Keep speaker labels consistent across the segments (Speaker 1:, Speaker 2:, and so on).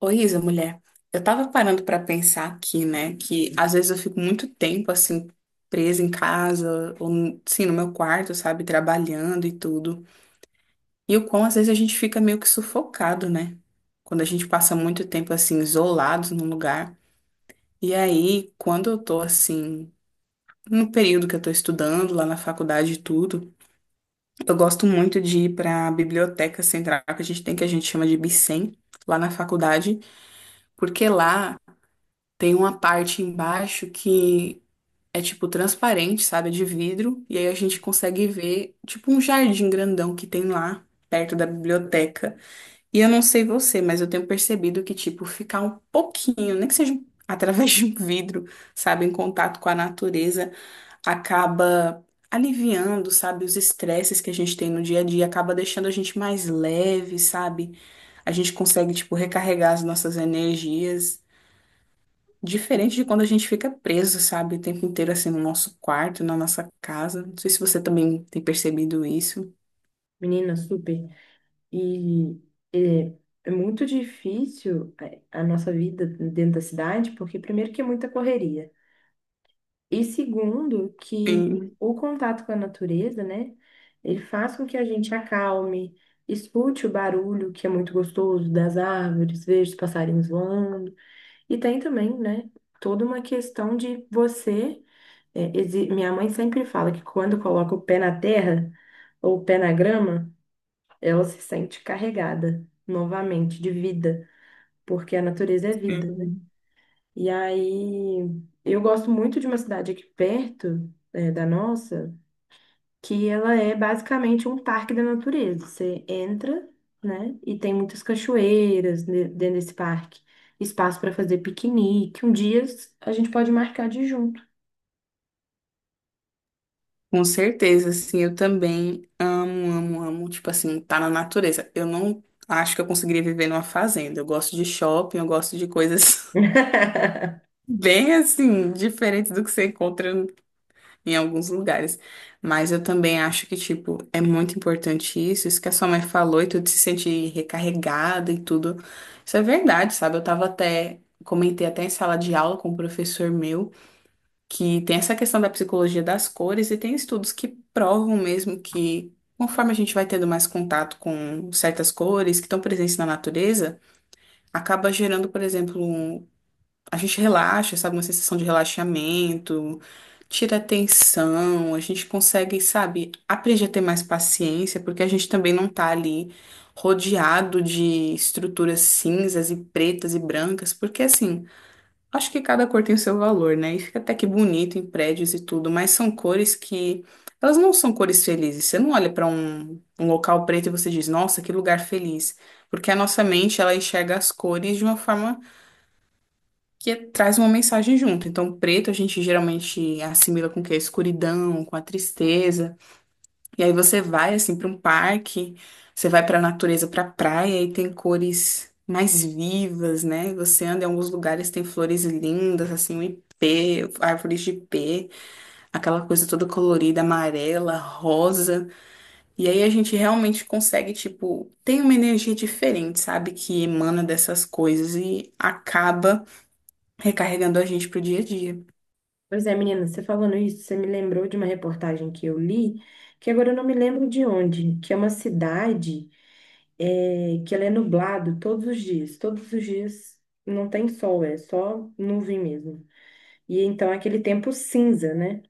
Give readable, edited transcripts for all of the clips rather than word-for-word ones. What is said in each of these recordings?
Speaker 1: Ô, Isa, mulher, eu tava parando pra pensar aqui, né, que às vezes eu fico muito tempo, assim, presa em casa, ou, sim, no meu quarto, sabe, trabalhando e tudo. E o quão às vezes a gente fica meio que sufocado, né? Quando a gente passa muito tempo, assim, isolado num lugar. E aí, quando eu tô, assim, no período que eu tô estudando, lá na faculdade e tudo, eu gosto muito de ir pra biblioteca central, que a gente tem, que a gente chama de Bicen, lá na faculdade. Porque lá tem uma parte embaixo que é tipo transparente, sabe? É de vidro. E aí a gente consegue ver tipo um jardim grandão que tem lá, perto da biblioteca. E eu não sei você, mas eu tenho percebido que, tipo, ficar um pouquinho, nem que seja através de um vidro, sabe? Em contato com a natureza, acaba aliviando, sabe? Os estresses que a gente tem no dia a dia, acaba deixando a gente mais leve, sabe? A gente consegue, tipo, recarregar as nossas energias. Diferente de quando a gente fica preso, sabe, o tempo inteiro assim no nosso quarto, na nossa casa. Não sei se você também tem percebido isso.
Speaker 2: Menina, super. E é, é muito difícil a nossa vida dentro da cidade, porque primeiro que é muita correria. E segundo, que
Speaker 1: Sim,
Speaker 2: o contato com a natureza, né? Ele faz com que a gente acalme, escute o barulho, que é muito gostoso, das árvores, veja os passarinhos voando. E tem também, né? Toda uma questão de você. Minha mãe sempre fala que quando coloca o pé na terra ou o pé na grama, ela se sente carregada novamente de vida, porque a natureza é vida, né?
Speaker 1: sim.
Speaker 2: E aí, eu gosto muito de uma cidade aqui perto, da nossa, que ela é basicamente um parque da natureza. Você entra, né? E tem muitas cachoeiras dentro desse parque. Espaço para fazer piquenique. Um dia a gente pode marcar de ir junto.
Speaker 1: Com certeza, assim, eu também amo, amo, amo, tipo assim, tá na natureza. Eu não acho que eu conseguiria viver numa fazenda. Eu gosto de shopping, eu gosto de coisas bem assim, diferentes do que você encontra em alguns lugares. Mas eu também acho que, tipo, é muito importante isso que a sua mãe falou, e tudo se sentir recarregada e tudo. Isso é verdade, sabe? Eu tava até, comentei até em sala de aula com um professor meu que tem essa questão da psicologia das cores e tem estudos que provam mesmo que conforme a gente vai tendo mais contato com certas cores que estão presentes na natureza, acaba gerando, por exemplo, a gente relaxa, sabe? Uma sensação de relaxamento, tira a tensão, a gente consegue, sabe, aprender a ter mais paciência, porque a gente também não tá ali rodeado de estruturas cinzas e pretas e brancas, porque assim, acho que cada cor tem o seu valor, né? E fica até que bonito em prédios e tudo, mas são cores que elas não são cores felizes. Você não olha para um local preto e você diz, nossa, que lugar feliz. Porque a nossa mente, ela enxerga as cores de uma forma que traz uma mensagem junto. Então, preto a gente geralmente assimila com o quê? A escuridão, com a tristeza. E aí você vai assim para um parque, você vai para a natureza, para a praia e tem cores mais vivas, né? E você anda em alguns lugares, tem flores lindas, assim, o ipê, árvores de ipê, aquela coisa toda colorida, amarela, rosa. E aí a gente realmente consegue, tipo, tem uma energia diferente, sabe? Que emana dessas coisas e acaba recarregando a gente pro dia a dia.
Speaker 2: Pois é, menina, você falando isso, você me lembrou de uma reportagem que eu li, que agora eu não me lembro de onde, que é uma cidade que ela é nublado todos os dias. Todos os dias não tem sol, é só nuvem mesmo. E então é aquele tempo cinza, né?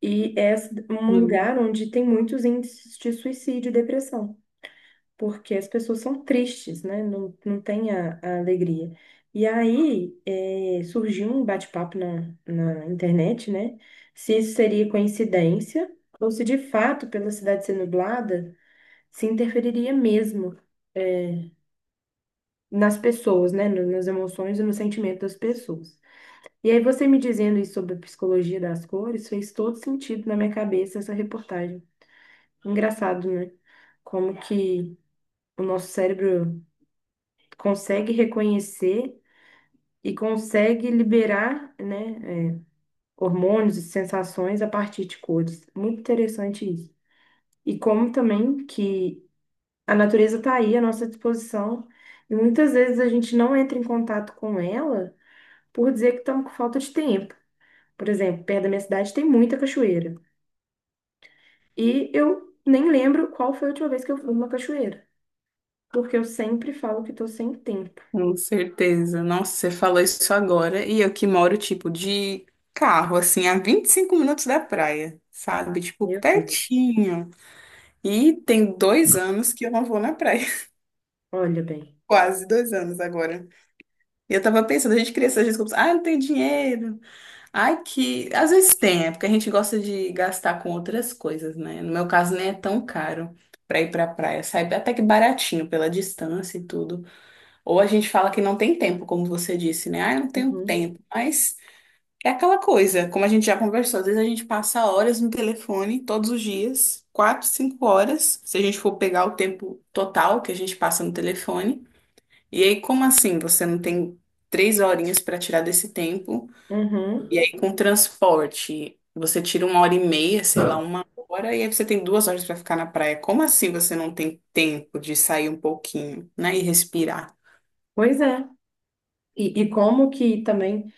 Speaker 2: E é um
Speaker 1: Hum,
Speaker 2: lugar onde tem muitos índices de suicídio e depressão, porque as pessoas são tristes, né? Não tem a alegria. E aí é, surgiu um bate-papo na internet, né? Se isso seria coincidência ou se de fato, pela cidade ser nublada, se interferiria mesmo é, nas pessoas, né? Nas emoções e no sentimento das pessoas. E aí você me dizendo isso sobre a psicologia das cores fez todo sentido na minha cabeça essa reportagem. Engraçado, né? Como que o nosso cérebro consegue reconhecer e consegue liberar, né, hormônios e sensações a partir de cores. Muito interessante isso. E como também que a natureza está aí à nossa disposição e muitas vezes a gente não entra em contato com ela por dizer que estão com falta de tempo. Por exemplo, perto da minha cidade tem muita cachoeira. E eu nem lembro qual foi a última vez que eu fui numa cachoeira, porque eu sempre falo que estou sem tempo.
Speaker 1: com certeza. Nossa, você falou isso agora. E eu que moro, tipo, de carro, assim, a 25 minutos da praia, sabe? Tipo,
Speaker 2: Meu Deus,
Speaker 1: pertinho. E tem 2 anos que eu não vou na praia.
Speaker 2: olha bem.
Speaker 1: Quase 2 anos agora. E eu tava pensando, a gente cria essas desculpas. Ah, não tem dinheiro. Ai, que. Às vezes tem, é porque a gente gosta de gastar com outras coisas, né? No meu caso, nem é tão caro pra ir pra praia. Sai até que baratinho pela distância e tudo. Ou a gente fala que não tem tempo, como você disse, né? Ah, eu não tenho
Speaker 2: Uhum,
Speaker 1: tempo. Mas é aquela coisa, como a gente já conversou, às vezes a gente passa horas no telefone todos os dias, 4, 5 horas, se a gente for pegar o tempo total que a gente passa no telefone. E aí, como assim? Você não tem 3 horinhas para tirar desse tempo?
Speaker 2: uhum.
Speaker 1: E aí, com transporte, você tira 1 hora e meia, sei lá, 1 hora, e aí você tem 2 horas para ficar na praia. Como assim você não tem tempo de sair um pouquinho, né? E respirar?
Speaker 2: Pois é. E como que também,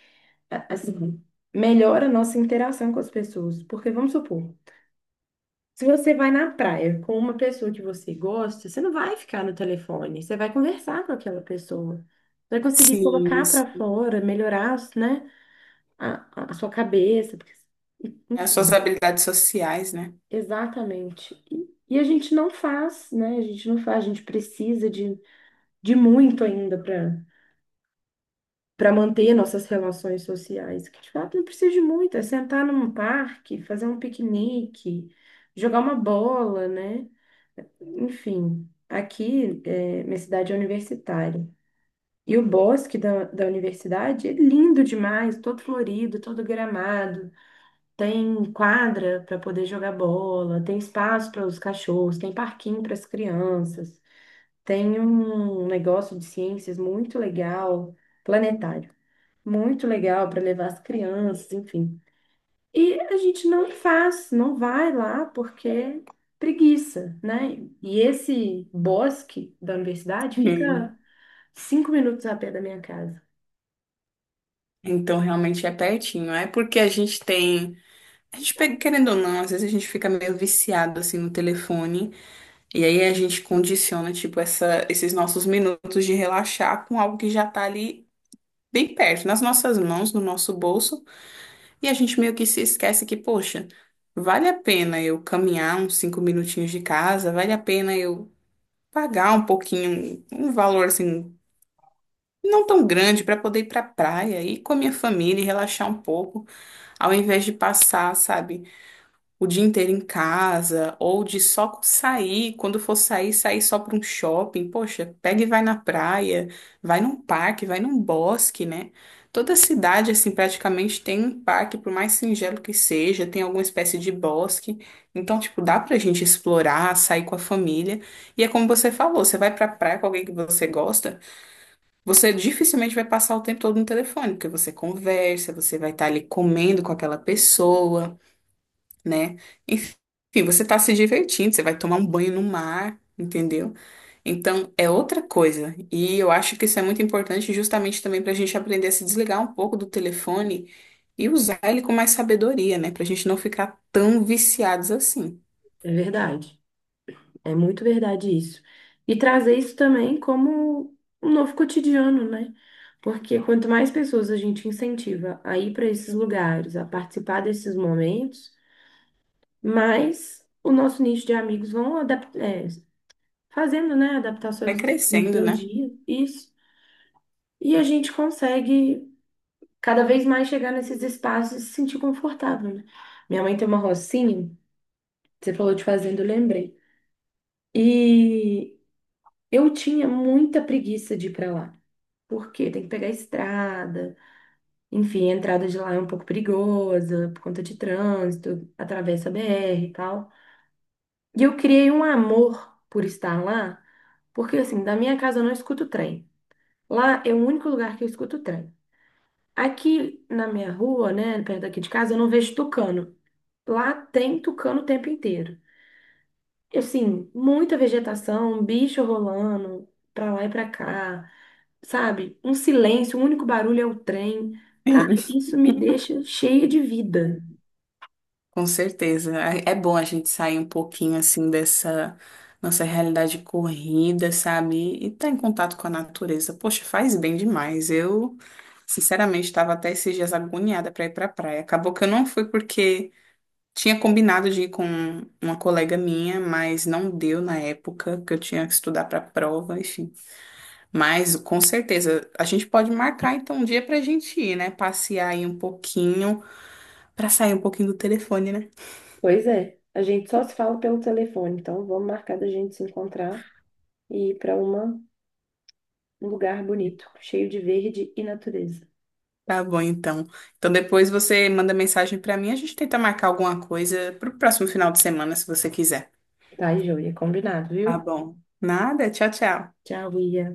Speaker 2: assim, melhora a nossa interação com as pessoas. Porque vamos supor, se você vai na praia com uma pessoa que você gosta, você não vai ficar no telefone, você vai conversar com aquela pessoa. Vai conseguir
Speaker 1: Sim,
Speaker 2: colocar para fora, melhorar, né, a sua cabeça,
Speaker 1: as suas
Speaker 2: enfim,
Speaker 1: habilidades sociais, né?
Speaker 2: exatamente. E a gente não faz, né? A gente não faz, a gente precisa de muito ainda para manter nossas relações sociais, que de fato não precisa de muito, é sentar num parque, fazer um piquenique, jogar uma bola, né? Enfim, aqui, é, minha cidade é universitária. E o bosque da universidade é lindo demais, todo florido, todo gramado. Tem quadra para poder jogar bola, tem espaço para os cachorros, tem parquinho para as crianças, tem um negócio de ciências muito legal, planetário, muito legal para levar as crianças, enfim. E a gente não faz, não vai lá porque é preguiça, né? E esse bosque da universidade
Speaker 1: Hum.
Speaker 2: fica 5 minutos a pé da minha casa.
Speaker 1: Então, realmente é pertinho. É porque a gente tem. A gente pega, querendo ou não, às vezes a gente fica meio viciado assim no telefone. E aí a gente condiciona, tipo, esses nossos minutos de relaxar com algo que já tá ali bem perto, nas nossas mãos, no nosso bolso. E a gente meio que se esquece que, poxa, vale a pena eu caminhar uns 5 minutinhos de casa, vale a pena eu pagar um pouquinho, um valor assim não tão grande para poder ir para praia, ir com a minha família e relaxar um pouco, ao invés de passar, sabe, o dia inteiro em casa ou de só sair, quando for sair, sair só para um shopping. Poxa, pega e vai na praia, vai num parque, vai num bosque, né? Toda cidade, assim, praticamente tem um parque, por mais singelo que seja, tem alguma espécie de bosque. Então, tipo, dá pra gente explorar, sair com a família. E é como você falou, você vai pra praia com alguém que você gosta, você dificilmente vai passar o tempo todo no telefone, porque você conversa, você vai estar ali comendo com aquela pessoa, né? Enfim, você está se divertindo, você vai tomar um banho no mar, entendeu? Então, é outra coisa. E eu acho que isso é muito importante justamente também para a gente aprender a se desligar um pouco do telefone e usar ele com mais sabedoria, né? Para a gente não ficar tão viciados assim.
Speaker 2: É verdade. É muito verdade isso. E trazer isso também como um novo cotidiano, né? Porque quanto mais pessoas a gente incentiva a ir para esses lugares, a participar desses momentos, mais o nosso nicho de amigos vão fazendo, né,
Speaker 1: Vai
Speaker 2: adaptações no
Speaker 1: crescendo,
Speaker 2: seu
Speaker 1: né?
Speaker 2: dia. Isso. E a gente consegue cada vez mais chegar nesses espaços e se sentir confortável, né? Minha mãe tem uma rocinha, você falou de fazenda, eu lembrei. E eu tinha muita preguiça de ir pra lá. Porque tem que pegar a estrada, enfim, a entrada de lá é um pouco perigosa por conta de trânsito, atravessa a BR e tal. E eu criei um amor por estar lá, porque assim, da minha casa eu não escuto trem. Lá é o único lugar que eu escuto trem. Aqui na minha rua, né, perto daqui de casa, eu não vejo tucano. Lá tem tucano o tempo inteiro. E, assim, muita vegetação, um bicho rolando pra lá e pra cá, sabe? Um silêncio, o único barulho é o trem. Cara,
Speaker 1: Sim.
Speaker 2: isso me deixa cheia de vida.
Speaker 1: Com certeza. É bom a gente sair um pouquinho assim dessa nossa realidade corrida, sabe? E estar em contato com a natureza. Poxa, faz bem demais. Eu, sinceramente, estava até esses dias agoniada para ir para a praia. Acabou que eu não fui porque tinha combinado de ir com uma colega minha, mas não deu na época que eu tinha que estudar para a prova, enfim. Mas com certeza a gente pode marcar então um dia para a gente ir, né? Passear aí um pouquinho, para sair um pouquinho do telefone, né?
Speaker 2: Pois é, a gente só se fala pelo telefone, então vamos marcar da gente se encontrar e ir para uma um lugar bonito, cheio de verde e natureza.
Speaker 1: Tá bom, então. Então depois você manda mensagem pra mim, a gente tenta marcar alguma coisa pro próximo final de semana, se você quiser.
Speaker 2: Tá, joia, combinado, viu?
Speaker 1: Tá bom. Nada, tchau, tchau.
Speaker 2: Tchau, Ia.